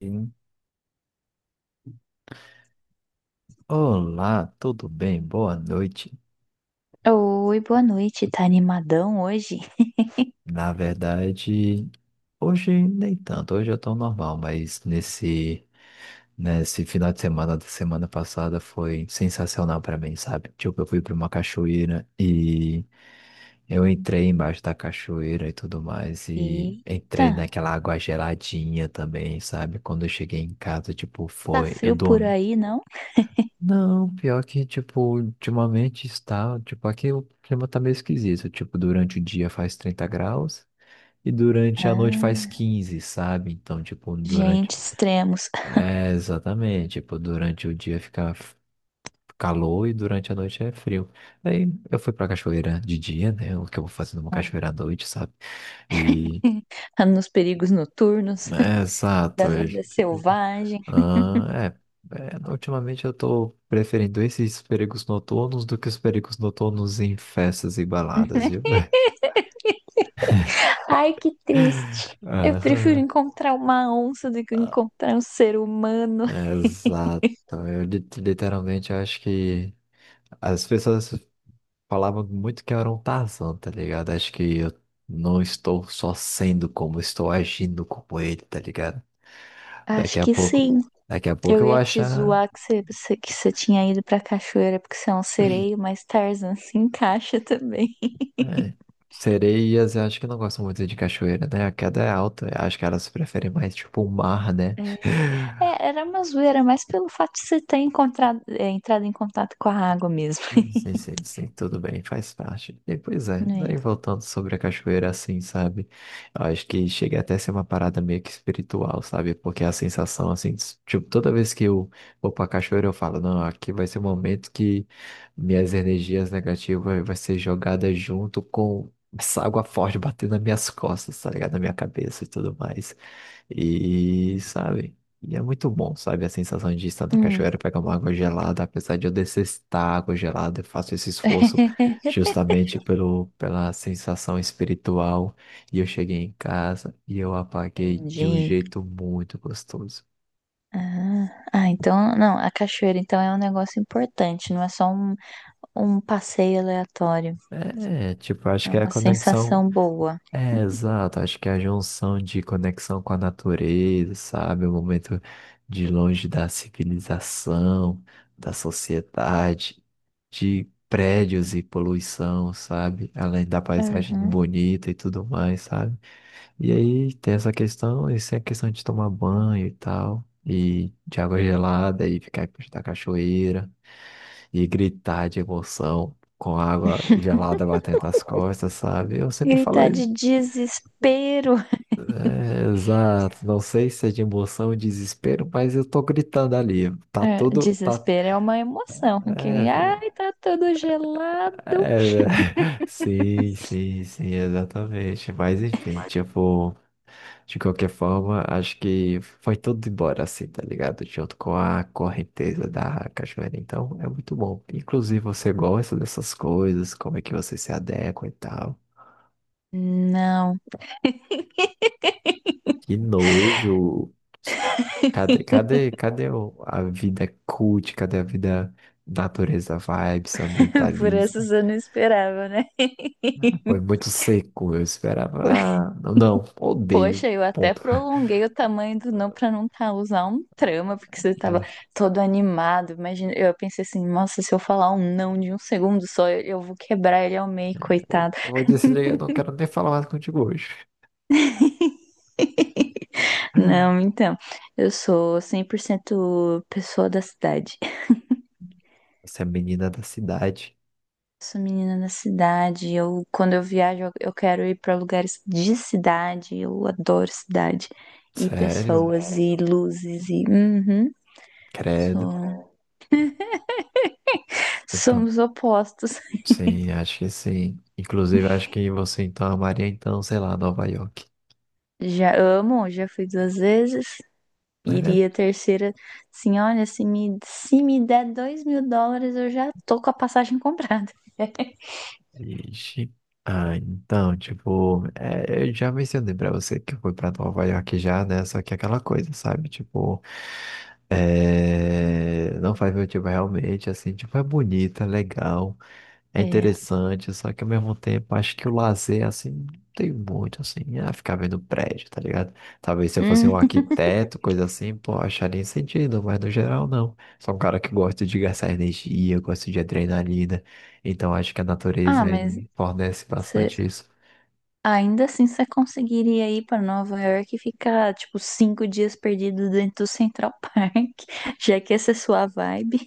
Sim. Olá, tudo bem? Boa noite. Oi, boa noite. Tá animadão hoje? Na verdade, hoje nem tanto, hoje eu tô normal, mas nesse final de semana da semana passada foi sensacional pra mim, sabe? Tipo, eu fui pra uma cachoeira e eu entrei embaixo da cachoeira e tudo mais, e Eita, entrei naquela água geladinha também, sabe? Quando eu cheguei em casa, tipo, tá foi, eu frio por dormi. aí, não? Não, pior que, tipo, ultimamente está, tipo, aqui o clima tá meio esquisito, tipo, durante o dia faz 30 graus e durante a noite faz Ah, 15 sabe? Então, tipo, gente, durante... extremos. É, exatamente, tipo, durante o dia fica calor e durante a noite é frio. Aí eu fui pra cachoeira de dia, né? O que eu vou fazer numa cachoeira à noite, sabe? E... Nos perigos noturnos, É, exato. da vida selvagem. Ah, é, Ultimamente eu tô preferindo esses perigos noturnos do que os perigos noturnos em festas e baladas, viu? Ai, que triste. Eu prefiro Aham. encontrar uma onça do que Ah, encontrar um ser humano. Exato. Eu literalmente acho que as pessoas falavam muito que eu era um Tarzan, tá ligado? Acho que eu não estou só sendo como estou agindo como ele, tá ligado? Acho Daqui a que pouco, sim. daqui a pouco Eu eu vou ia te achar. zoar que que você tinha ido pra cachoeira porque você é um sereio, mas Tarzan se encaixa também. É, sereias, eu acho que não gostam muito de cachoeira, né? A queda é alta, eu acho que elas preferem mais tipo o mar, né? É. É, era uma zoeira, mas pelo fato de você ter encontrado, é, entrado em contato com a água mesmo, Sim, sim, sim, sim, tudo bem, faz parte. E, pois é, né? daí voltando sobre a cachoeira, assim, sabe? Eu acho que chega até a ser uma parada meio que espiritual, sabe? Porque a sensação, assim, tipo, toda vez que eu vou pra cachoeira, eu falo, não, aqui vai ser o momento que minhas energias negativas vai ser jogada junto com essa água forte batendo nas minhas costas, tá ligado? Na minha cabeça e tudo mais. E, sabe? E é muito bom, sabe? A sensação de estar na Hum. cachoeira, pegar uma água gelada, apesar de eu detestar água gelada, eu faço esse esforço justamente pela sensação espiritual. E eu cheguei em casa e eu apaguei de um Entendi. jeito muito gostoso. Ah, então, não, a cachoeira então é um negócio importante, não é só um passeio aleatório. É, tipo, acho É que é a uma conexão. sensação boa. É, exato. Acho que a junção de conexão com a natureza, sabe? O momento de longe da civilização, da sociedade, de prédios e poluição, sabe? Além da paisagem Uhum. bonita e tudo mais, sabe? E aí tem essa questão, isso é questão de tomar banho e tal, e de água gelada, e ficar perto da cachoeira, e gritar de emoção. Com a água gelada batendo nas costas, sabe? Eu sempre falo. Gritar de desespero. É, exato, não sei se é de emoção ou desespero, mas eu tô gritando ali. Tá É, tudo, tá. desespero é uma emoção. Aquele, É, ai, tá tudo gelado. é, velho. Sim, sim, sim, exatamente. Mas enfim, tipo, de qualquer forma, acho que foi tudo embora assim, tá ligado? Junto com a correnteza da cachoeira. Então, é muito bom. Inclusive, você gosta dessas coisas, como é que você se adequa e tal. Não, Que nojo. Cadê a vida cult? Cadê a vida natureza vibes, por ambientalista? essas eu não esperava, né? Foi muito seco, eu esperava. Ah, não, não, odeio. Poxa, eu até Ponto. prolonguei o tamanho do não pra não causar um trama, porque você tava É, todo animado. Imagina, eu pensei assim, nossa, se eu falar um não de um segundo só, eu vou quebrar ele ao meio, coitado. eu vou desligar, eu não quero nem falar mais contigo hoje. Hum. Não, então, eu sou 100% pessoa da cidade. Você é menina da cidade. Sou menina da cidade. Eu, quando eu viajo, eu quero ir pra lugares de cidade. Eu adoro cidade e Sério? pessoas e luzes e uhum, Credo. sou- Então, somos opostos. sim, acho que sim. Inclusive, acho que você então amaria, então, sei lá, Nova York. Já amo, já fui duas vezes. Iria a É, terceira. Sim, olha, se me der US$ 2.000, eu já tô com a passagem comprada. ixi. Ah, então, tipo, é, eu já mencionei pra você que foi pra Nova York já, né? Só que é aquela coisa, sabe? Tipo, é, não faz meu tipo realmente, assim, tipo, é bonita, legal. É É. interessante, só que ao mesmo tempo acho que o lazer, assim, não tem muito, assim, é ficar vendo prédio, tá ligado? Talvez se eu fosse um Hum. arquiteto, coisa assim, pô, acharia sentido, mas no geral não. Sou um cara que gosta de gastar energia, gosto de adrenalina, então acho que a Ah, natureza ele mas me fornece você- bastante isso. ainda assim você conseguiria ir pra Nova York e ficar, tipo, 5 dias perdido dentro do Central Park, já que essa é sua vibe.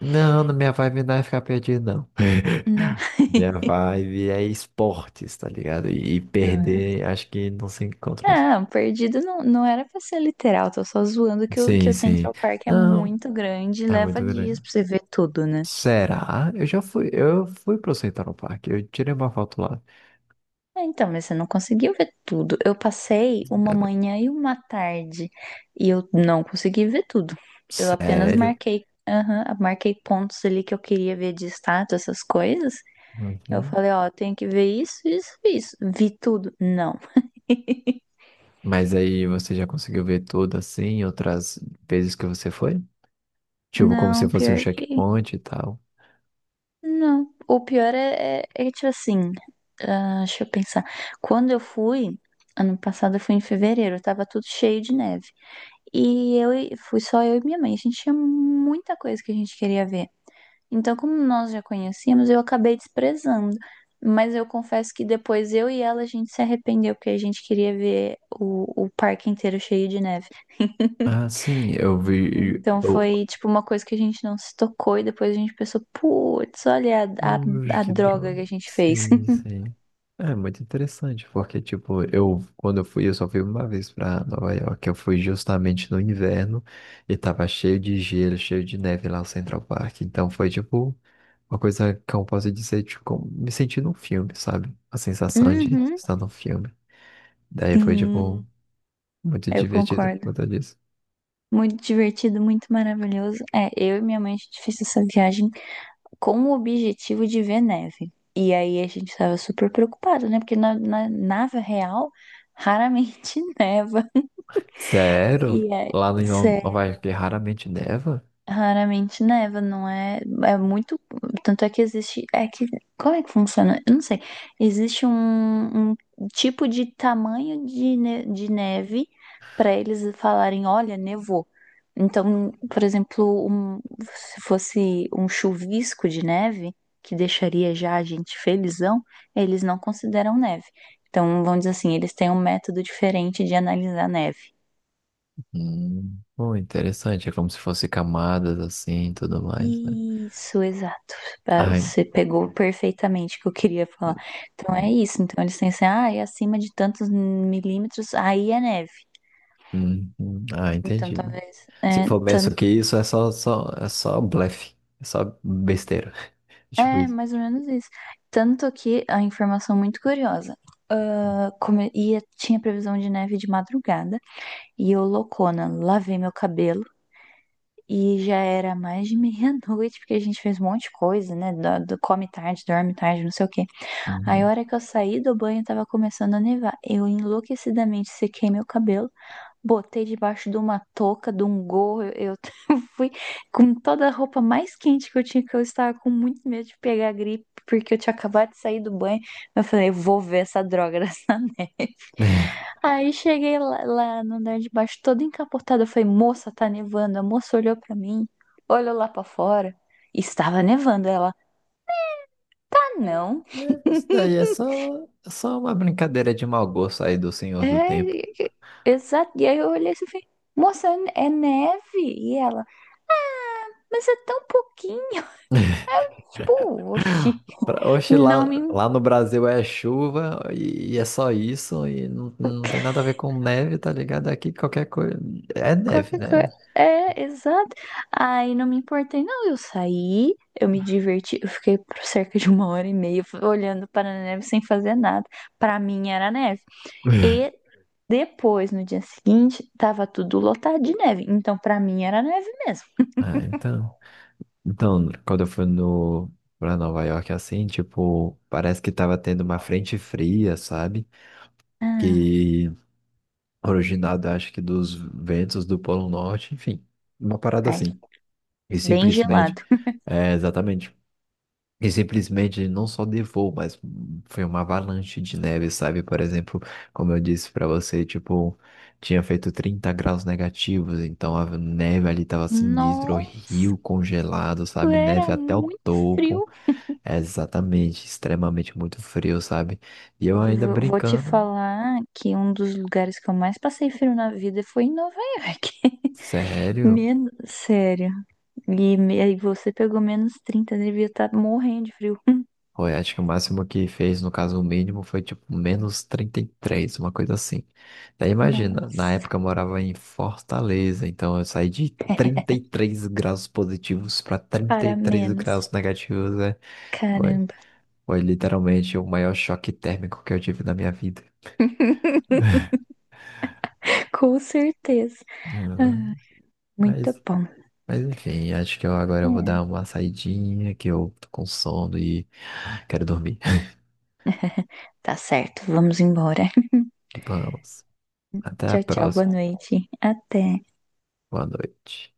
Não, na minha vibe não é ficar perdido, não. Não, Minha vibe é esportes, tá ligado? E, ah. perder, acho que não se encontra isso. Não, perdido não, não era pra ser literal, tô só zoando que o, que Sim, o sim. Central Park é Não, muito grande e é leva muito dias grande. pra você ver tudo, né? Será? Eu já fui, eu fui pro Central Park, eu tirei uma foto lá. Ah, então, mas você não conseguiu ver tudo. Eu passei uma manhã e uma tarde e eu não consegui ver tudo. Eu apenas Sério? marquei, aham, marquei pontos ali que eu queria ver de estátua, essas coisas. Eu Uhum. falei, ó, tem que ver isso, isso, isso. Vi tudo. Não. Mas aí você já conseguiu ver tudo assim, outras vezes que você foi? Tipo, como se Não, fosse um pior que. checkpoint e tal. Não. O pior é tipo assim. Ah, deixa eu pensar. Quando eu fui, ano passado eu fui em fevereiro, tava tudo cheio de neve. E fui só eu e minha mãe. A gente tinha muita coisa que a gente queria ver. Então, como nós já conhecíamos, eu acabei desprezando. Mas eu confesso que depois eu e ela a gente se arrependeu, porque a gente queria ver o parque inteiro cheio de neve. Ah, sim, eu vi. Então Eu. foi tipo uma coisa que a gente não se tocou e depois a gente pensou, putz, olha a, a, Ui, a que droga droga. que a gente fez. Sim, sim. É muito interessante, porque, tipo, eu, quando eu fui, eu só fui uma vez pra Nova York, eu fui justamente no inverno e tava cheio de gelo, cheio de neve lá no Central Park. Então foi, tipo, uma coisa que eu posso dizer, tipo, me senti num filme, sabe? A sensação de Uhum. estar num filme. Daí foi, Sim, tipo, muito eu divertido por concordo. conta disso. Muito divertido, muito maravilhoso. É, eu e minha mãe a gente fez essa viagem com o objetivo de ver neve. E aí a gente tava super preocupado, né? Porque na real raramente neva. Sério? E aí, Lá em Nova York raramente neva? raramente neva, não é? É muito. Tanto é que existe. É que. Como é que funciona? Eu não sei. Existe um tipo de tamanho de neve para eles falarem: olha, nevou. Então, por exemplo, se fosse um chuvisco de neve, que deixaria já a gente felizão, eles não consideram neve. Então, vamos dizer assim, eles têm um método diferente de analisar neve. Pô, interessante. É como se fosse camadas assim e tudo mais, né? Isso, exato. Ah, Ai, você pegou perfeitamente o que eu queria falar. Então é hum, isso. Então eles têm assim, ah, é acima de tantos milímetros, aí é neve. Hum. Ah, Então entendi. talvez Se é, for penso tanto, que isso é só, é só blefe. É só besteira. Tipo é isso. mais ou menos isso. Tanto que a informação muito curiosa. Ah, ia, tinha previsão de neve de madrugada e eu loucona, lavei meu cabelo. E já era mais de meia-noite, porque a gente fez um monte de coisa, né? Come tarde, dorme tarde, não sei o quê. Aí, a Uhum. hora que eu saí do banho, tava começando a nevar. Eu enlouquecidamente sequei meu cabelo, botei debaixo de uma touca, de um gorro. Eu fui com toda a roupa mais quente que eu tinha, que eu estava com muito medo de pegar gripe, porque eu tinha acabado de sair do banho. Eu falei, eu vou ver essa droga dessa neve. Aí cheguei lá, no andar de baixo, toda encapotada. Eu falei, moça, tá nevando. A moça olhou pra mim, olhou lá pra fora. Estava nevando. Ela, ah, É, não. isso daí é é só uma brincadeira de mau gosto aí do Senhor do Tempo. É, exato. E aí eu olhei assim e falei, moça, é neve? E ela, mas é tão pouquinho. Eu, tipo, oxi, Oxe, não me. Lá no Brasil é chuva e é só isso, e não, não tem nada a ver com neve, tá ligado? Aqui qualquer coisa é neve, Qualquer coisa. né? É, exato. Aí não me importei, não. Eu saí, eu me diverti, eu fiquei por cerca de uma hora e meia olhando para a neve sem fazer nada. Para mim era neve. E depois, no dia seguinte, tava tudo lotado de neve. Então, para mim era neve mesmo. Ah, então. Então, quando eu fui no, pra Nova York, assim, tipo, parece que tava tendo uma frente fria, sabe? Ah, Que originada, acho que dos ventos do Polo Norte, enfim, uma parada ai, assim. E bem simplesmente, gelado. é, exatamente. E simplesmente não só nevou, mas foi uma avalanche de neve, sabe? Por exemplo, como eu disse pra você, tipo, tinha feito -30 graus, então a neve ali tava sinistra, o Nossa, rio congelado, sabe? Neve era até o muito topo, frio. é exatamente, extremamente muito frio, sabe? E eu E ainda vou te brincando, falar que um dos lugares que eu mais passei frio na vida foi em Nova York. sério? Menos, sério. E aí você pegou -30, devia estar morrendo de frio. Foi, acho que o máximo que fez, no caso, o mínimo foi tipo -33, uma coisa assim. Daí imagina, na Nossa, época eu morava em Fortaleza, então eu saí de 33 graus para trinta e para três menos. graus negativos, né? Foi, Caramba, foi literalmente o maior choque térmico que eu tive na minha vida. com certeza. Ah, Ah, muito Mas, bom. mas enfim, acho que eu agora eu vou dar É, uma saidinha, que eu tô com sono e quero dormir. tá certo, vamos embora. Vamos, até a Tchau, tchau, boa próxima. noite. Até. Boa noite.